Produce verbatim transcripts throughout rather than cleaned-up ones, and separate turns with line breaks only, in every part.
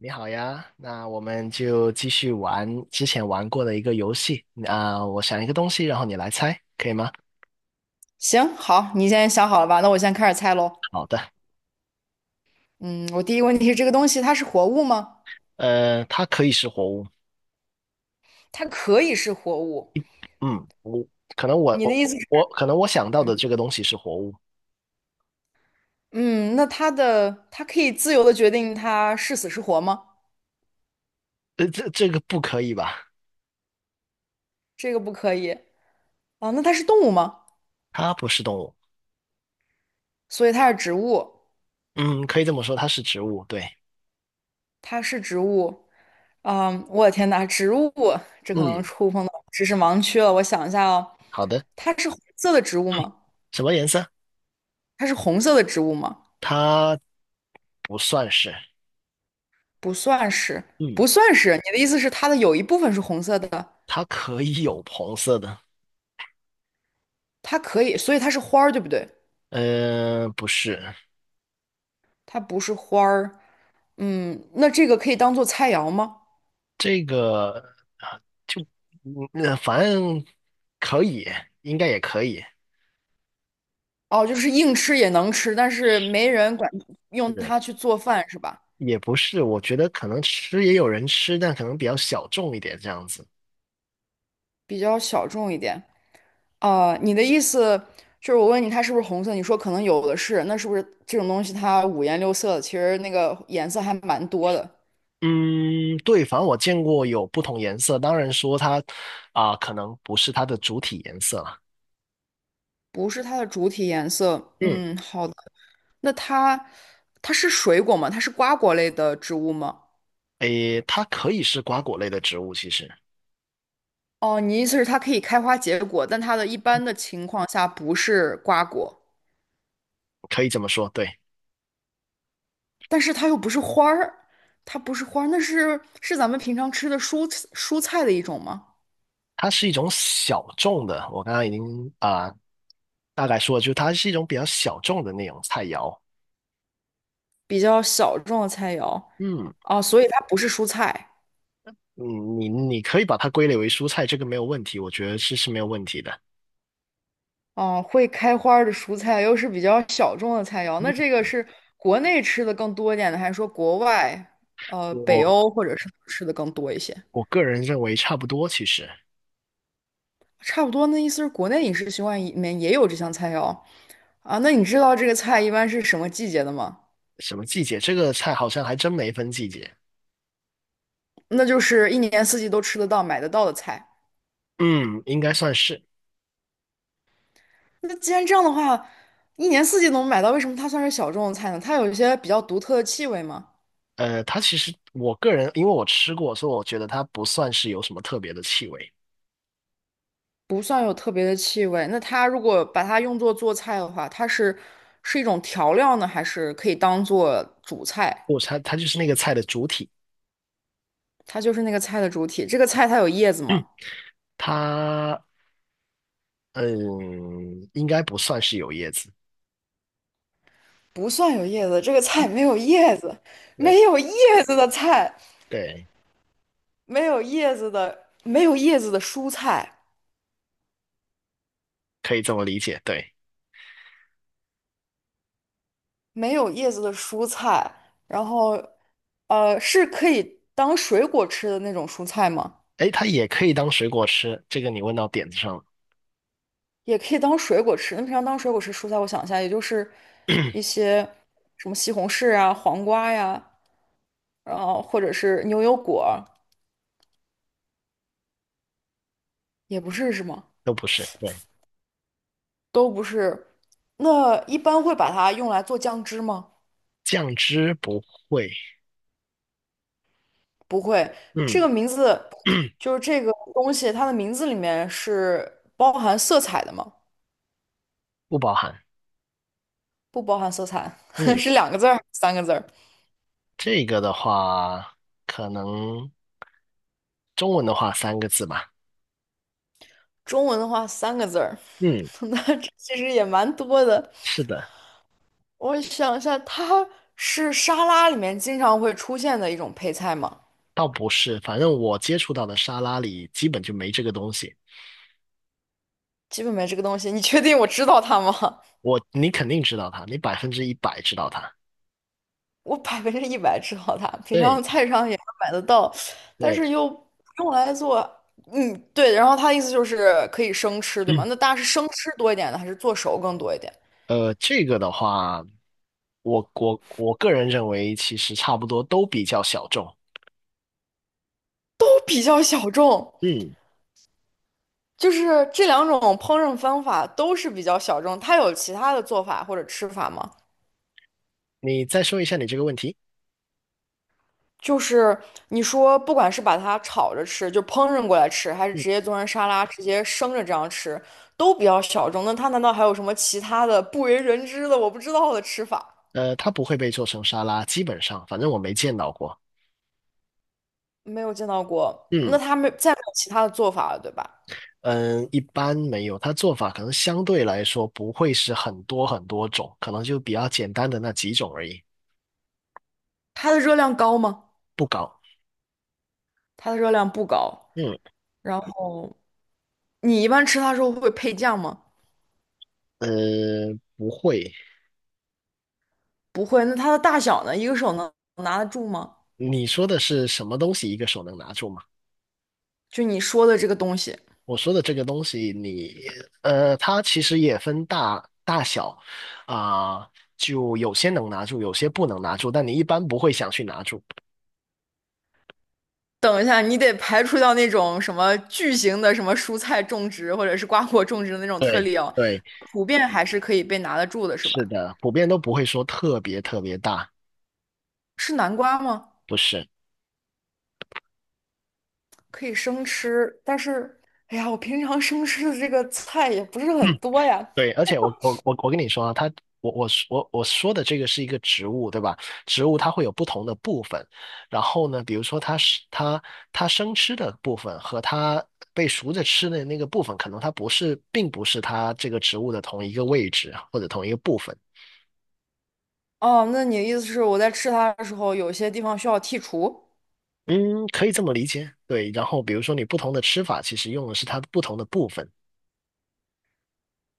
你好呀，那我们就继续玩之前玩过的一个游戏。啊、我想一个东西，然后你来猜，可以吗？
行，好，你现在想好了吧？那我先开始猜喽。
好的。
嗯，我第一个问题是这个东西它是活物吗？
呃，它可以是活物。
它可以是活物。
嗯，我可能我
你的意
我
思是，
我可能我想到的这个东西是活物。
嗯，那它的它可以自由的决定它是死是活吗？
呃，这这个不可以吧？
这个不可以啊。那它是动物吗？
它不是动物。
所以它是植物，
嗯，可以这么说，它是植物。对。
它是植物。啊，我的天呐，植物，这可能
嗯，
触碰到知识盲区了。我想一下哦，
好的。
它是红色的植物
嗯，
吗？
什么颜色？
它是红色的植物吗？
它不算是。
不算是，
嗯，
不算是。你的意思是它的有一部分是红色的，
它可以有红色的。
它可以，所以它是花儿，对不对？
呃，不是。
它不是花儿。嗯，那这个可以当做菜肴吗？
这个啊，就嗯，呃反正可以，应该也可以。
哦，就是硬吃也能吃，但是没人管用
是，
它去做饭是吧？
也不是，我觉得可能吃也有人吃，但可能比较小众一点这样子。
比较小众一点。啊、你的意思就是我问你它是不是红色，你说可能有的是，那是不是这种东西它五颜六色的？其实那个颜色还蛮多的。
嗯，对，反正我见过有不同颜色，当然说它啊，可能不是它的主体颜色了。
不是它的主体颜色。
嗯。
嗯，好的。那它它是水果吗？它是瓜果类的植物吗？
诶，它可以是瓜果类的植物，其实
哦，你意思是它可以开花结果，但它的一般的情况下不是瓜果，
可以这么说。对，
但是它又不是花儿，它不是花儿，那是是咱们平常吃的蔬蔬菜的一种吗？
它是一种小众的。我刚刚已经啊，大概说了，就是它是一种比较小众的那种菜肴。
比较小众的菜肴
嗯。
啊，所以它不是蔬菜。
嗯，你你可以把它归类为蔬菜，这个没有问题，我觉得是是没有问题的。
哦，会开花儿的蔬菜又是比较小众的菜肴，那这个是国内吃的更多一点的，还是说国外，呃，北
我
欧或者是吃的更多一些？
我个人认为差不多，其实
差不多，那意思是国内饮食习惯里面也有这项菜肴啊。那你知道这个菜一般是什么季节的吗？
什么季节，这个菜好像还真没分季节。
那就是一年四季都吃得到、买得到的菜。
嗯，应该算是。
那既然这样的话，一年四季都能买到，为什么它算是小众的菜呢？它有一些比较独特的气味吗？
呃，它其实我个人因为我吃过，所以我觉得它不算是有什么特别的气味。
不算有特别的气味。那它如果把它用作做菜的话，它是是一种调料呢，还是可以当做主菜？
不，它它就是那个菜的主体。
它就是那个菜的主体。这个菜它有叶子吗？
嗯它嗯应该不算是有叶子。
不算有叶子，这个菜没有叶子，
对。
没有叶子的菜，
对，
没有叶子的，没有叶子的蔬菜，
可以这么理解。对。
没有叶子的蔬菜，然后，呃，是可以当水果吃的那种蔬菜吗？
哎，它也可以当水果吃，这个你问到点子上了。
也可以当水果吃。那平常当水果吃蔬菜，我想一下，也就是一些什么西红柿啊、黄瓜呀，然后或者是牛油果儿也不是是吗？
都不是。对。
都不是。那一般会把它用来做酱汁吗？
酱汁不会。
不会。这
嗯，
个名字就是这个东西，它的名字里面是包含色彩的吗？
不包含。
不包含色彩，
嗯，
是两个字儿，三个字儿。
这个的话，可能中文的话三个字吧。
中文的话，三个字儿，
嗯。
那这其实也蛮多的。
是的。
我想一下，它是沙拉里面经常会出现的一种配菜吗？
倒不是，反正我接触到的沙拉里基本就没这个东西。
基本没这个东西，你确定我知道它吗？
我，你肯定知道它，你百分之一百知道它。
我百分之一百知道它，平
对。
常菜市场也能买得到，但
对。
是又用来做，嗯，对。然后它的意思就是可以生吃，对吗？
嗯，
那大家是生吃多一点呢，还是做熟更多一点？
呃，这个的话，我我我个人认为，其实差不多都比较小众。
都比较小众，
嗯。
就是这两种烹饪方法都是比较小众。它有其他的做法或者吃法吗？
你再说一下你这个问题。
就是你说，不管是把它炒着吃，就烹饪过来吃，还是
嗯。
直接做成沙拉，直接生着这样吃，都比较小众。那它难道还有什么其他的不为人知的、我不知道的吃法？
呃，它不会被做成沙拉，基本上，反正我没见到过。
没有见到过。那
嗯
它没再没有其他的做法了，对吧？
嗯，一般没有，它做法可能相对来说不会是很多很多种，可能就比较简单的那几种而已。
它的热量高吗？
不高。
它的热量不高。
嗯。
然后你一般吃它的时候会配酱吗？
呃，不会。
不会。那它的大小呢？一个手能拿得住吗？
你说的是什么东西一个手能拿住吗？
就你说的这个东西。
我说的这个东西你，呃，它其实也分大大小啊，就有些能拿住，有些不能拿住，但你一般不会想去拿住。
等一下，你得排除掉那种什么巨型的什么蔬菜种植或者是瓜果种植的那种特
对。
例哦，
对。
普遍还是可以被拿得住的，是吧？
是的，普遍都不会说特别特别大。
是南瓜吗？
不是。
可以生吃，但是，哎呀，我平常生吃的这个菜也不是
嗯。
很 多呀。
对，而且我我我我跟你说啊，它我我我我说的这个是一个植物，对吧？植物它会有不同的部分，然后呢，比如说它是它它生吃的部分和它被熟着吃的那个部分，可能它不是，并不是它这个植物的同一个位置或者同一个部分。
哦，那你的意思是我在吃它的时候，有些地方需要剔除，
嗯，可以这么理解。对，然后比如说你不同的吃法，其实用的是它不同的部分。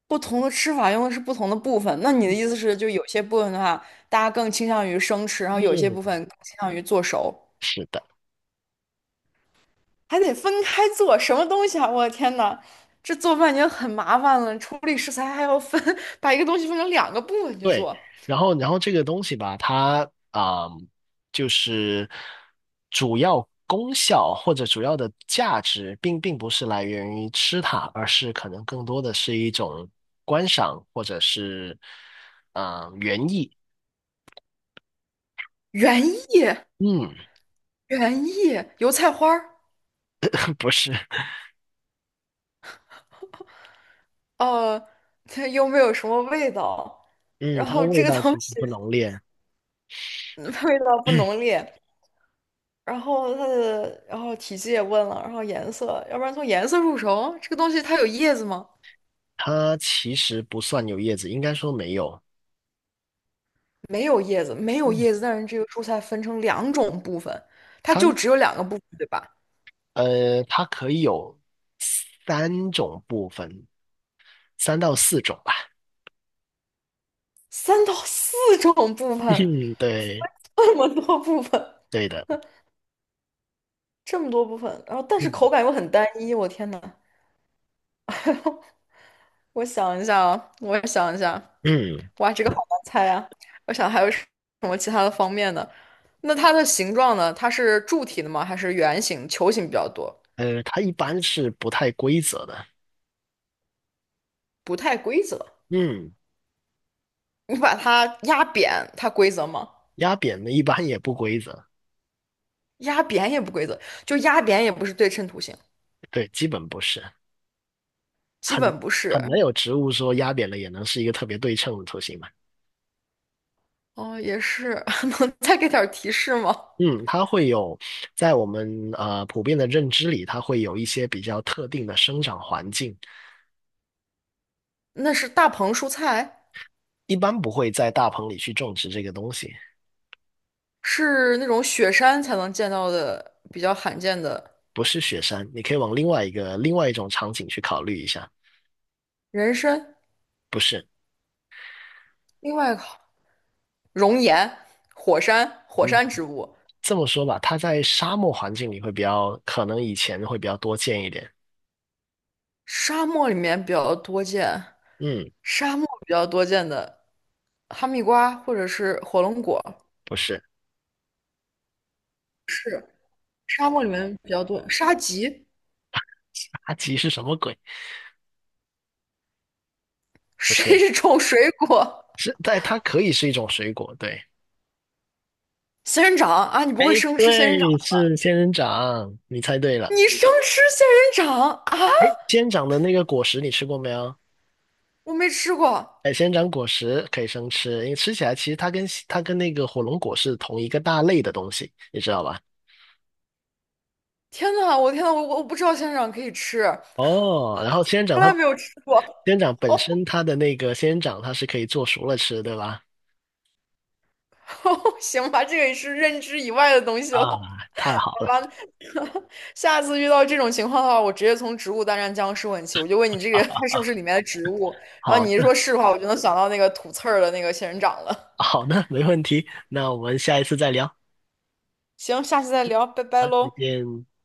不同的吃法用的是不同的部分。那你的意思是，就有些部分的话，大家更倾向于生吃，然后有些部分
嗯，
更倾向于做熟。
是的。
还得分开做，什么东西啊！我的天呐，这做饭已经很麻烦了，处理食材还要分，把一个东西分成两个部分去
对，
做。
然后然后这个东西吧，它啊、就是主要功效或者主要的价值，并并不是来源于吃它，而是可能更多的是一种观赏或者是啊、园艺。
原叶，
嗯。
原叶，油菜花儿，
不是。
呃，它又没有什么味道，
嗯，
然
它
后这
味
个
道
东
其实
西
不浓烈。
味道不浓 烈，然后它的，然后体积也问了，然后颜色，要不然从颜色入手，这个东西它有叶子吗？
它其实不算有叶子，应该说没有。
没有叶子，没有
嗯，
叶子，但是这个蔬菜分成两种部分，它
它
就只有两个部分，对吧？
呃，它可以有三种部分，三到四种吧。
三到四种部分，
嗯，
分
对。
这么多部分，
对的。
这么多部分，然后但是
嗯
口感又很单一，我天呐，我想一下啊，我想一下，
嗯，
哇，这个好难猜啊！我想还有什么其他的方面呢？那它的形状呢？它是柱体的吗？还是圆形、球形比较多？
呃，它一般是不太规则的。
不太规则。
嗯，
你把它压扁，它规则吗？
压扁的一般也不规则。
压扁也不规则，就压扁也不是对称图形，
对，基本不是。
基
很
本不是。
很难有植物说压扁了也能是一个特别对称的图形嘛。
哦，也是，能再给点儿提示吗？
嗯，它会有在我们呃普遍的认知里，它会有一些比较特定的生长环境。
那是大棚蔬菜，
一般不会在大棚里去种植这个东西。
是那种雪山才能见到的比较罕见的
不是雪山，你可以往另外一个另外一种场景去考虑一下。
人参。
不是。
另外一个熔岩、火山、火
嗯。
山植物，
这么说吧，它在沙漠环境里会比较，可能以前会比较多见一点。
沙漠里面比较多见，
嗯。
沙漠比较多见的哈密瓜或者是火龙果，
不是。
是沙漠里面比较多。沙棘
阿吉是什么鬼？不
是
是。
一种水果，
是，但它可以是一种水果，对。
仙人掌啊，你不
哎，
会生吃仙人掌？
对，是仙人掌，你猜对了。
你生吃仙人掌啊？
哎，仙人掌的那个果实你吃过没有？
我没吃过。
哎，仙人掌果实可以生吃，因为吃起来其实它跟它跟那个火龙果是同一个大类的东西，你知道吧？
天呐，我天呐，我我不知道仙人掌可以吃。
哦，然后仙人掌
从
它，
来
仙
没有吃过，
人掌本
哦，
身它的那个仙人掌它是可以做熟了吃，对吧？
行吧，这个也是认知以外的东西
啊，
了。
太好了。
好吧？下次遇到这种情况的话，我直接从植物大战僵尸问起，我就问你这个它 是不是里面的植物，然后
好
你一说
的。
是的话，我就能想到那个吐刺儿的那个仙人掌了。
好的，没问题。那我们下一次再聊。
行，下次再聊，拜拜
好，再
喽。
见。